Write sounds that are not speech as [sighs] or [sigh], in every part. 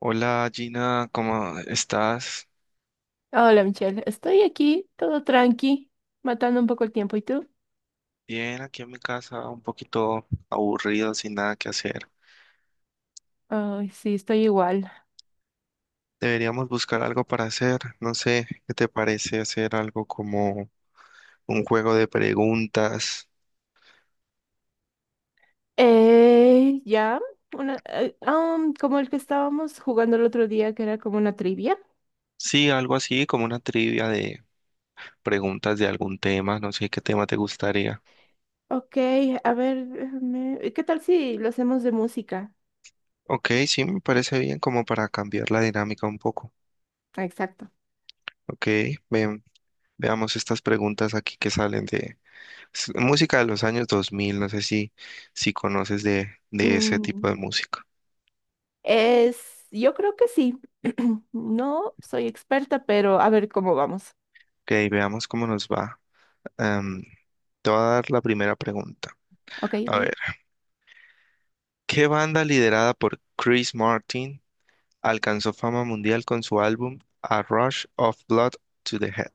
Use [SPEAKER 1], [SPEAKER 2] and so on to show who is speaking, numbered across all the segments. [SPEAKER 1] Hola Gina, ¿cómo estás?
[SPEAKER 2] Hola, Michelle, estoy aquí, todo tranqui, matando un poco el tiempo. ¿Y tú?
[SPEAKER 1] Bien, aquí en mi casa, un poquito aburrido, sin nada que hacer.
[SPEAKER 2] Ay, sí, estoy igual.
[SPEAKER 1] Deberíamos buscar algo para hacer. No sé, ¿qué te parece hacer algo como un juego de preguntas?
[SPEAKER 2] Ya, una, como el que estábamos jugando el otro día, que era como una trivia.
[SPEAKER 1] Sí, algo así, como una trivia de preguntas de algún tema. No sé qué tema te gustaría.
[SPEAKER 2] Ok, a ver, ¿qué tal si lo hacemos de música?
[SPEAKER 1] Ok, sí, me parece bien, como para cambiar la dinámica un poco.
[SPEAKER 2] Ah, exacto.
[SPEAKER 1] Ok, ven, veamos estas preguntas aquí que salen. Es música de los años 2000, no sé si conoces de ese tipo
[SPEAKER 2] Mm,
[SPEAKER 1] de música.
[SPEAKER 2] yo creo que sí. [clears throat] No soy experta, pero a ver cómo vamos.
[SPEAKER 1] Ok, veamos cómo nos va. Em, Te voy a dar la primera pregunta.
[SPEAKER 2] Ok,
[SPEAKER 1] A
[SPEAKER 2] ok.
[SPEAKER 1] ver, ¿qué banda liderada por Chris Martin alcanzó fama mundial con su álbum A Rush of Blood to the Head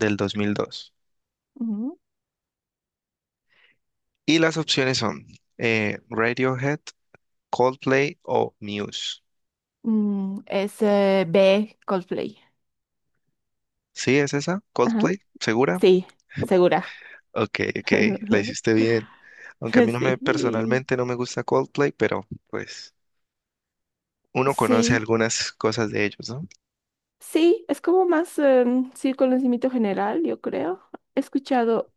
[SPEAKER 1] del 2002? Y las opciones son Radiohead, Coldplay o Muse.
[SPEAKER 2] Mm, es B, Coldplay.
[SPEAKER 1] ¿Sí es esa?
[SPEAKER 2] Ajá.
[SPEAKER 1] ¿Coldplay? ¿Segura?
[SPEAKER 2] Sí, segura.
[SPEAKER 1] Ok, ok, la
[SPEAKER 2] [laughs]
[SPEAKER 1] hiciste bien. Aunque a mí no me
[SPEAKER 2] Sí.
[SPEAKER 1] personalmente no me gusta Coldplay, pero pues uno conoce
[SPEAKER 2] Sí,
[SPEAKER 1] algunas cosas de ellos, ¿no?
[SPEAKER 2] sí, es como más sí, conocimiento general, yo creo. He escuchado,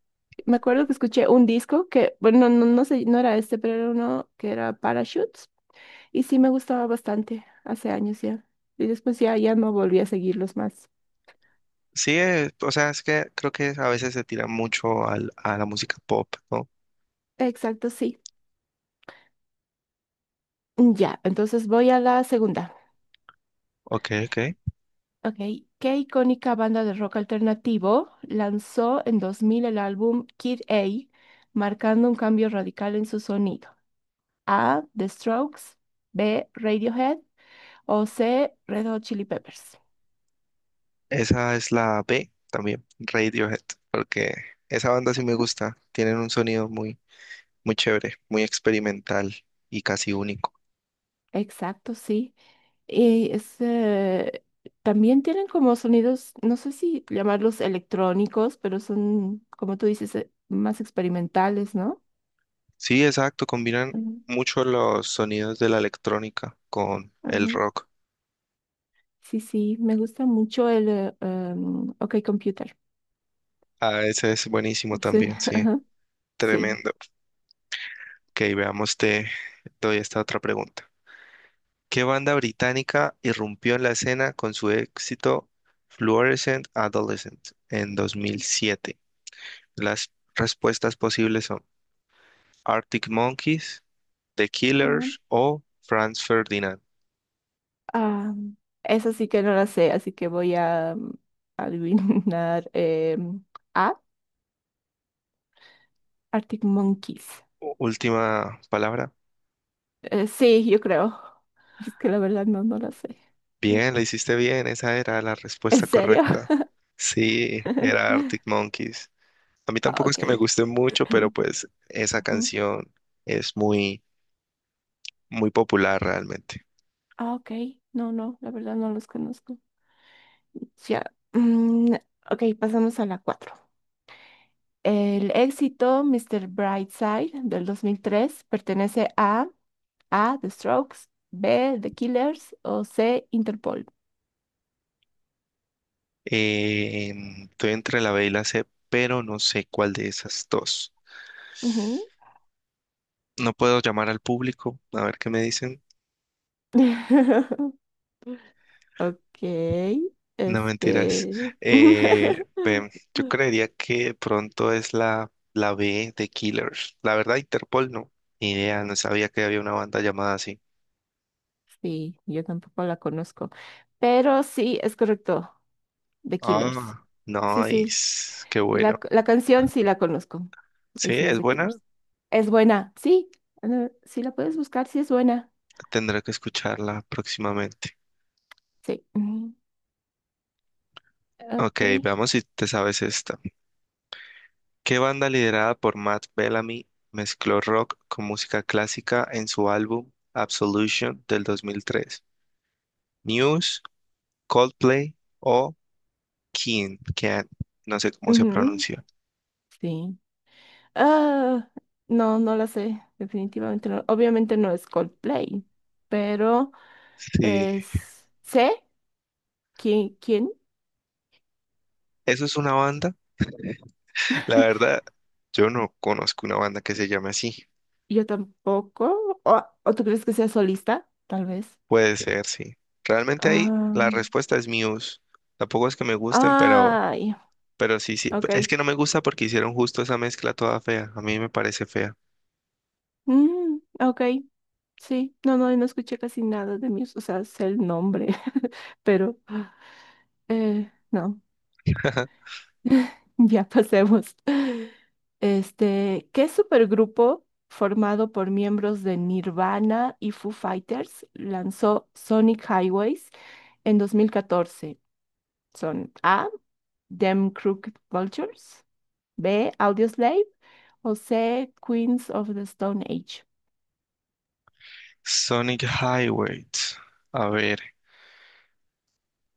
[SPEAKER 2] me acuerdo que escuché un disco que, bueno, no, no sé, no era este, pero era uno que era Parachutes. Y sí me gustaba bastante hace años ya. Y después ya, ya no volví a seguirlos más.
[SPEAKER 1] Sí, o sea, es que creo que a veces se tira mucho a la música pop, ¿no?
[SPEAKER 2] Exacto, sí. Ya, entonces voy a la segunda.
[SPEAKER 1] Ok, ok.
[SPEAKER 2] Ok, ¿qué icónica banda de rock alternativo lanzó en 2000 el álbum Kid A, marcando un cambio radical en su sonido? A, The Strokes; B, Radiohead; o C, Red Hot Chili Peppers.
[SPEAKER 1] Esa es la B también, Radiohead, porque esa banda sí me gusta. Tienen un sonido muy, muy chévere, muy experimental y casi único.
[SPEAKER 2] Exacto, sí. Y también tienen como sonidos, no sé si llamarlos electrónicos, pero son, como tú dices, más experimentales, ¿no?
[SPEAKER 1] Sí, exacto, combinan
[SPEAKER 2] Ujú.
[SPEAKER 1] mucho los sonidos de la electrónica con el
[SPEAKER 2] Ajá.
[SPEAKER 1] rock.
[SPEAKER 2] Sí, sí, me gusta mucho el OK Computer.
[SPEAKER 1] Ah, ese es buenísimo
[SPEAKER 2] Sí,
[SPEAKER 1] también,
[SPEAKER 2] [laughs]
[SPEAKER 1] sí.
[SPEAKER 2] ajá, sí.
[SPEAKER 1] Tremendo. Ok, veamos, te doy esta otra pregunta. ¿Qué banda británica irrumpió en la escena con su éxito Fluorescent Adolescent en 2007? Las respuestas posibles son Arctic Monkeys, The
[SPEAKER 2] Ajá.
[SPEAKER 1] Killers o Franz Ferdinand.
[SPEAKER 2] Ah, esa sí que no la sé, así que voy a adivinar. A Arctic Monkeys.
[SPEAKER 1] Última palabra.
[SPEAKER 2] Sí, yo creo. Es que la verdad no, no la sé.
[SPEAKER 1] Bien, la hiciste bien, esa era la
[SPEAKER 2] ¿En
[SPEAKER 1] respuesta
[SPEAKER 2] serio?
[SPEAKER 1] correcta. Sí, era
[SPEAKER 2] [laughs]
[SPEAKER 1] Arctic Monkeys. A mí
[SPEAKER 2] Ah,
[SPEAKER 1] tampoco es
[SPEAKER 2] ok.
[SPEAKER 1] que me guste mucho, pero
[SPEAKER 2] [clears throat]
[SPEAKER 1] pues esa
[SPEAKER 2] Ujú.
[SPEAKER 1] canción es muy, muy popular realmente.
[SPEAKER 2] Ah, ok. No, no, la verdad no los conozco. Ya. Mm, ok, pasamos a la 4. El éxito Mr. Brightside del 2003 pertenece a A, The Strokes; B, The Killers; o C, Interpol.
[SPEAKER 1] Eh, Estoy entre la B y la C, pero no sé cuál de esas dos.
[SPEAKER 2] Ujú.
[SPEAKER 1] No puedo llamar al público, a ver qué me dicen.
[SPEAKER 2] [laughs] Ok,
[SPEAKER 1] No mentiras.
[SPEAKER 2] este. [laughs]
[SPEAKER 1] Ven, yo creería que de pronto es la B de Killers. La verdad, Interpol no. Ni idea, no sabía que había una banda llamada así.
[SPEAKER 2] Sí, yo tampoco la conozco, pero sí, es correcto, The Killers.
[SPEAKER 1] Ah,
[SPEAKER 2] Sí, sí,
[SPEAKER 1] nice. Qué
[SPEAKER 2] y la,
[SPEAKER 1] bueno.
[SPEAKER 2] la canción sí la conozco,
[SPEAKER 1] Sí,
[SPEAKER 2] y sí es
[SPEAKER 1] es
[SPEAKER 2] The
[SPEAKER 1] buena.
[SPEAKER 2] Killers. Es buena, sí, si la puedes buscar, sí es buena.
[SPEAKER 1] Tendré que escucharla próximamente.
[SPEAKER 2] Sí, ujú,
[SPEAKER 1] Ok,
[SPEAKER 2] ok.
[SPEAKER 1] veamos si te sabes esta. ¿Qué banda liderada por Matt Bellamy mezcló rock con música clásica en su álbum Absolution del 2003? ¿Muse, Coldplay o Keane? Keane, no sé cómo se
[SPEAKER 2] Ujú.
[SPEAKER 1] pronuncia.
[SPEAKER 2] Sí. Ah, no, no la sé, definitivamente no. Obviamente no es Coldplay, pero
[SPEAKER 1] Sí,
[SPEAKER 2] ¿Sé quién? ¿Quién?
[SPEAKER 1] ¿eso es una banda? La
[SPEAKER 2] [laughs]
[SPEAKER 1] verdad, yo no conozco una banda que se llame así.
[SPEAKER 2] Yo tampoco. ¿O tú crees que sea solista? Tal vez.
[SPEAKER 1] Puede ser, sí. Realmente ahí
[SPEAKER 2] Ah,
[SPEAKER 1] la respuesta es Muse. Tampoco es que me gusten, pero
[SPEAKER 2] ay,
[SPEAKER 1] Sí, sí,
[SPEAKER 2] ok.
[SPEAKER 1] es que no me gusta porque hicieron justo esa mezcla toda fea. A mí me parece fea.
[SPEAKER 2] Ok, sí. No, no, no escuché casi nada de Muse. O sea, sé el nombre, [laughs] pero no.
[SPEAKER 1] [laughs]
[SPEAKER 2] [laughs] Ya pasemos. Este, ¿qué supergrupo formado por miembros de Nirvana y Foo Fighters lanzó Sonic Highways en 2014? Son A, Them Crooked Vultures; B, Audioslave; o C, Queens of the Stone Age.
[SPEAKER 1] Sonic Highway. A ver,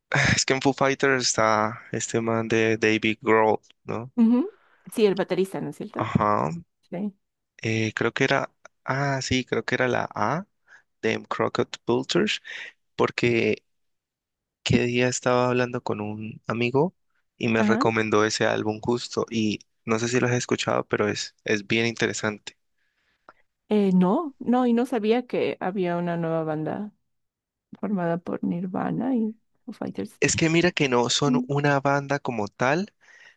[SPEAKER 1] [sighs] es que en Foo Fighters está este man de David Grohl, ¿no?
[SPEAKER 2] Ujú. Sí, el baterista, ¿no es cierto?
[SPEAKER 1] Ajá.
[SPEAKER 2] Sí.
[SPEAKER 1] Creo que era, ah, sí, creo que era la A de Crockett Vultures, porque qué día estaba hablando con un amigo y me
[SPEAKER 2] Ajá.
[SPEAKER 1] recomendó ese álbum justo y no sé si lo has escuchado, pero es bien interesante.
[SPEAKER 2] No, no, y no sabía que había una nueva banda formada por Nirvana y Foo Fighters.
[SPEAKER 1] Es que mira que no son una banda como tal,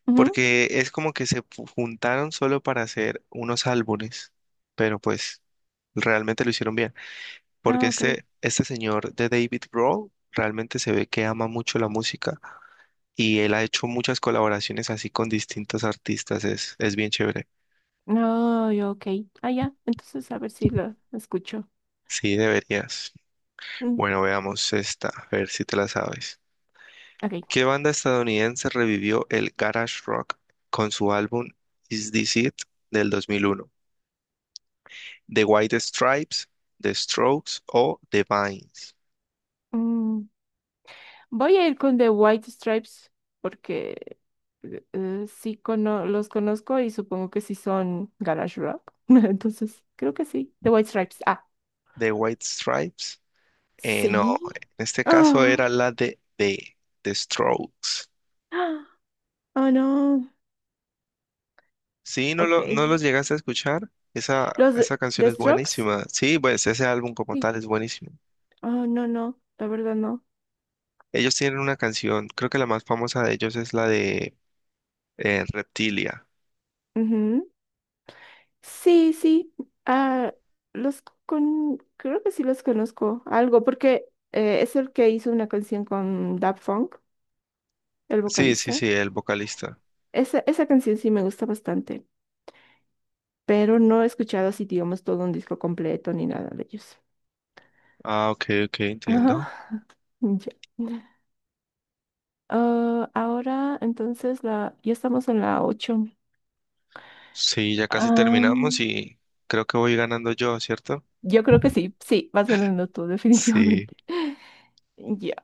[SPEAKER 2] Mm.
[SPEAKER 1] porque es como que juntaron solo para hacer unos álbumes, pero pues realmente lo hicieron bien. Porque
[SPEAKER 2] Ah, ok.
[SPEAKER 1] este señor de David Grohl realmente se ve que ama mucho la música y él ha hecho muchas colaboraciones así con distintos artistas. Es bien chévere.
[SPEAKER 2] No, yo, ok. Ah, ya. Entonces, a ver si lo escucho.
[SPEAKER 1] Sí, deberías.
[SPEAKER 2] Mm,
[SPEAKER 1] Bueno, veamos esta, a ver si te la sabes.
[SPEAKER 2] ok.
[SPEAKER 1] ¿Qué banda estadounidense revivió el garage rock con su álbum Is This It del 2001? The White Stripes, The Strokes o The Vines.
[SPEAKER 2] Mm, Voy a ir con The White Stripes porque sí los conozco y supongo que sí son garage rock. [laughs] Entonces, creo que sí. The White Stripes. Ah,
[SPEAKER 1] The White Stripes. No,
[SPEAKER 2] sí.
[SPEAKER 1] en este caso
[SPEAKER 2] Ah,
[SPEAKER 1] era la de The Strokes.
[SPEAKER 2] ah, oh, no.
[SPEAKER 1] Sí,
[SPEAKER 2] Ok.
[SPEAKER 1] no los llegaste a escuchar. Esa,
[SPEAKER 2] Los
[SPEAKER 1] esa canción
[SPEAKER 2] The
[SPEAKER 1] es
[SPEAKER 2] Strokes.
[SPEAKER 1] buenísima. Sí, pues ese álbum como
[SPEAKER 2] Sí.
[SPEAKER 1] tal es buenísimo.
[SPEAKER 2] Oh, no, no. La verdad, no.
[SPEAKER 1] Ellos tienen una canción, creo que la más famosa de ellos es la de Reptilia.
[SPEAKER 2] Sí, sí, ah, creo que sí los conozco algo, porque es el que hizo una canción con Daft Funk, el
[SPEAKER 1] Sí, sí,
[SPEAKER 2] vocalista.
[SPEAKER 1] sí, el vocalista.
[SPEAKER 2] Esa canción sí me gusta bastante, pero no he escuchado así, digamos, todo un disco completo ni nada de ellos.
[SPEAKER 1] Ah, ok, ok,
[SPEAKER 2] Ajá,
[SPEAKER 1] entiendo.
[SPEAKER 2] [laughs] ya. Ah, ahora, entonces, ya estamos en la 8.
[SPEAKER 1] Sí, ya casi terminamos
[SPEAKER 2] Am,
[SPEAKER 1] y creo que voy ganando yo, ¿cierto?
[SPEAKER 2] yo creo que sí, sí, vas ganando tú, [laughs]
[SPEAKER 1] Sí.
[SPEAKER 2] definitivamente. Ya.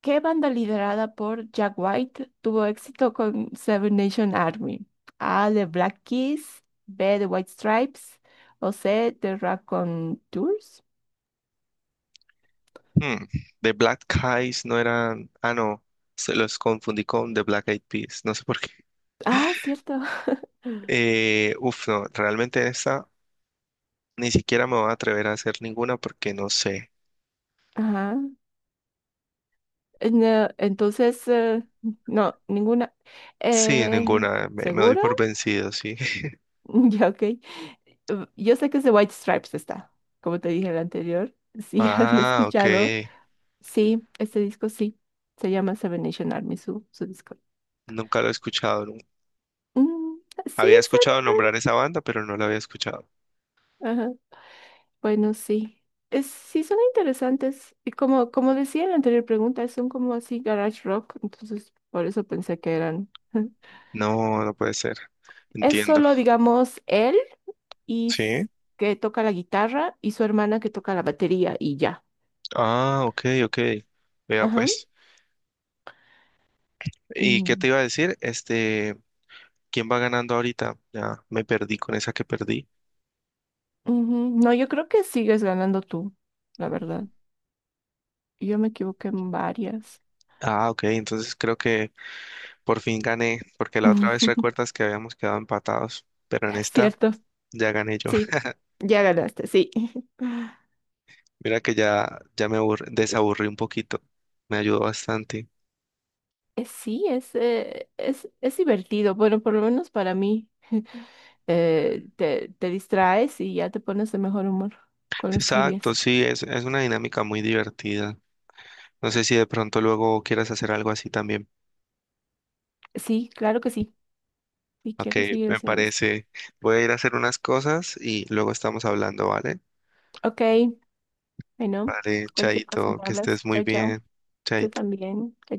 [SPEAKER 2] ¿Qué banda liderada por Jack White tuvo éxito con Seven Nation Army? A, The Black Keys; B, The White Stripes; o C, The Tours.
[SPEAKER 1] Hmm, The Black Eyes no eran. Ah, no. Se los confundí con The Black Eyed Peas. No sé por qué.
[SPEAKER 2] Ah, cierto.
[SPEAKER 1] Uf, no. Realmente esta ni siquiera me voy a atrever a hacer ninguna porque no sé.
[SPEAKER 2] [laughs] Ajá. No, entonces, no, ninguna.
[SPEAKER 1] Sí,
[SPEAKER 2] Eh,
[SPEAKER 1] ninguna. Me doy
[SPEAKER 2] ¿Seguro?
[SPEAKER 1] por vencido, sí. [laughs]
[SPEAKER 2] [laughs] Ya, ok. Yo sé que es The White Stripes está, como te dije en el anterior. Sí, [laughs] había
[SPEAKER 1] Ah, ok.
[SPEAKER 2] escuchado. Sí, este disco sí. Se llama Seven Nation Army, su disco.
[SPEAKER 1] Nunca lo he escuchado.
[SPEAKER 2] Mm, sí,
[SPEAKER 1] Había escuchado
[SPEAKER 2] son.
[SPEAKER 1] nombrar esa banda, pero no la había escuchado.
[SPEAKER 2] Ajá. Bueno, sí. Sí, son interesantes. Y como decía en la anterior pregunta, son como así garage rock. Entonces, por eso pensé que eran. [laughs]
[SPEAKER 1] No, no puede ser.
[SPEAKER 2] Es
[SPEAKER 1] Entiendo.
[SPEAKER 2] solo, digamos, él y
[SPEAKER 1] Sí.
[SPEAKER 2] que toca la guitarra y su hermana que toca la batería y ya.
[SPEAKER 1] Ah, ok, ok. Vea
[SPEAKER 2] Ajá.
[SPEAKER 1] pues. ¿Y qué
[SPEAKER 2] Y-
[SPEAKER 1] te iba a decir? Este. ¿Quién va ganando ahorita? Ya me perdí con esa que perdí.
[SPEAKER 2] Ujú. No, yo creo que sigues ganando tú, la verdad. Yo me equivoqué en varias.
[SPEAKER 1] Ah, ok, entonces creo que por fin gané, porque la otra vez
[SPEAKER 2] [laughs]
[SPEAKER 1] recuerdas que habíamos quedado empatados, pero en
[SPEAKER 2] Es
[SPEAKER 1] esta
[SPEAKER 2] cierto.
[SPEAKER 1] ya gané yo.
[SPEAKER 2] Sí,
[SPEAKER 1] [laughs]
[SPEAKER 2] ya ganaste, sí. [laughs]
[SPEAKER 1] Mira que ya desaburrí un poquito, me ayudó bastante.
[SPEAKER 2] Sí, es divertido. Bueno, por lo menos para mí. [laughs] Te distraes y ya te pones de mejor humor con
[SPEAKER 1] Sí,
[SPEAKER 2] las
[SPEAKER 1] exacto,
[SPEAKER 2] trivias.
[SPEAKER 1] sí, es una dinámica muy divertida. No sé si de pronto luego quieras hacer algo así también.
[SPEAKER 2] Sí, claro que sí. Si
[SPEAKER 1] Ok,
[SPEAKER 2] quiero seguir
[SPEAKER 1] me
[SPEAKER 2] haciendo esto.
[SPEAKER 1] parece. Voy a ir a hacer unas cosas y luego estamos hablando, ¿vale?
[SPEAKER 2] Ok, bueno,
[SPEAKER 1] Vale,
[SPEAKER 2] cualquier cosa
[SPEAKER 1] Chaito,
[SPEAKER 2] me
[SPEAKER 1] que
[SPEAKER 2] hablas.
[SPEAKER 1] estés muy
[SPEAKER 2] Chao, chao.
[SPEAKER 1] bien.
[SPEAKER 2] Tú
[SPEAKER 1] Chaito.
[SPEAKER 2] también. Chao,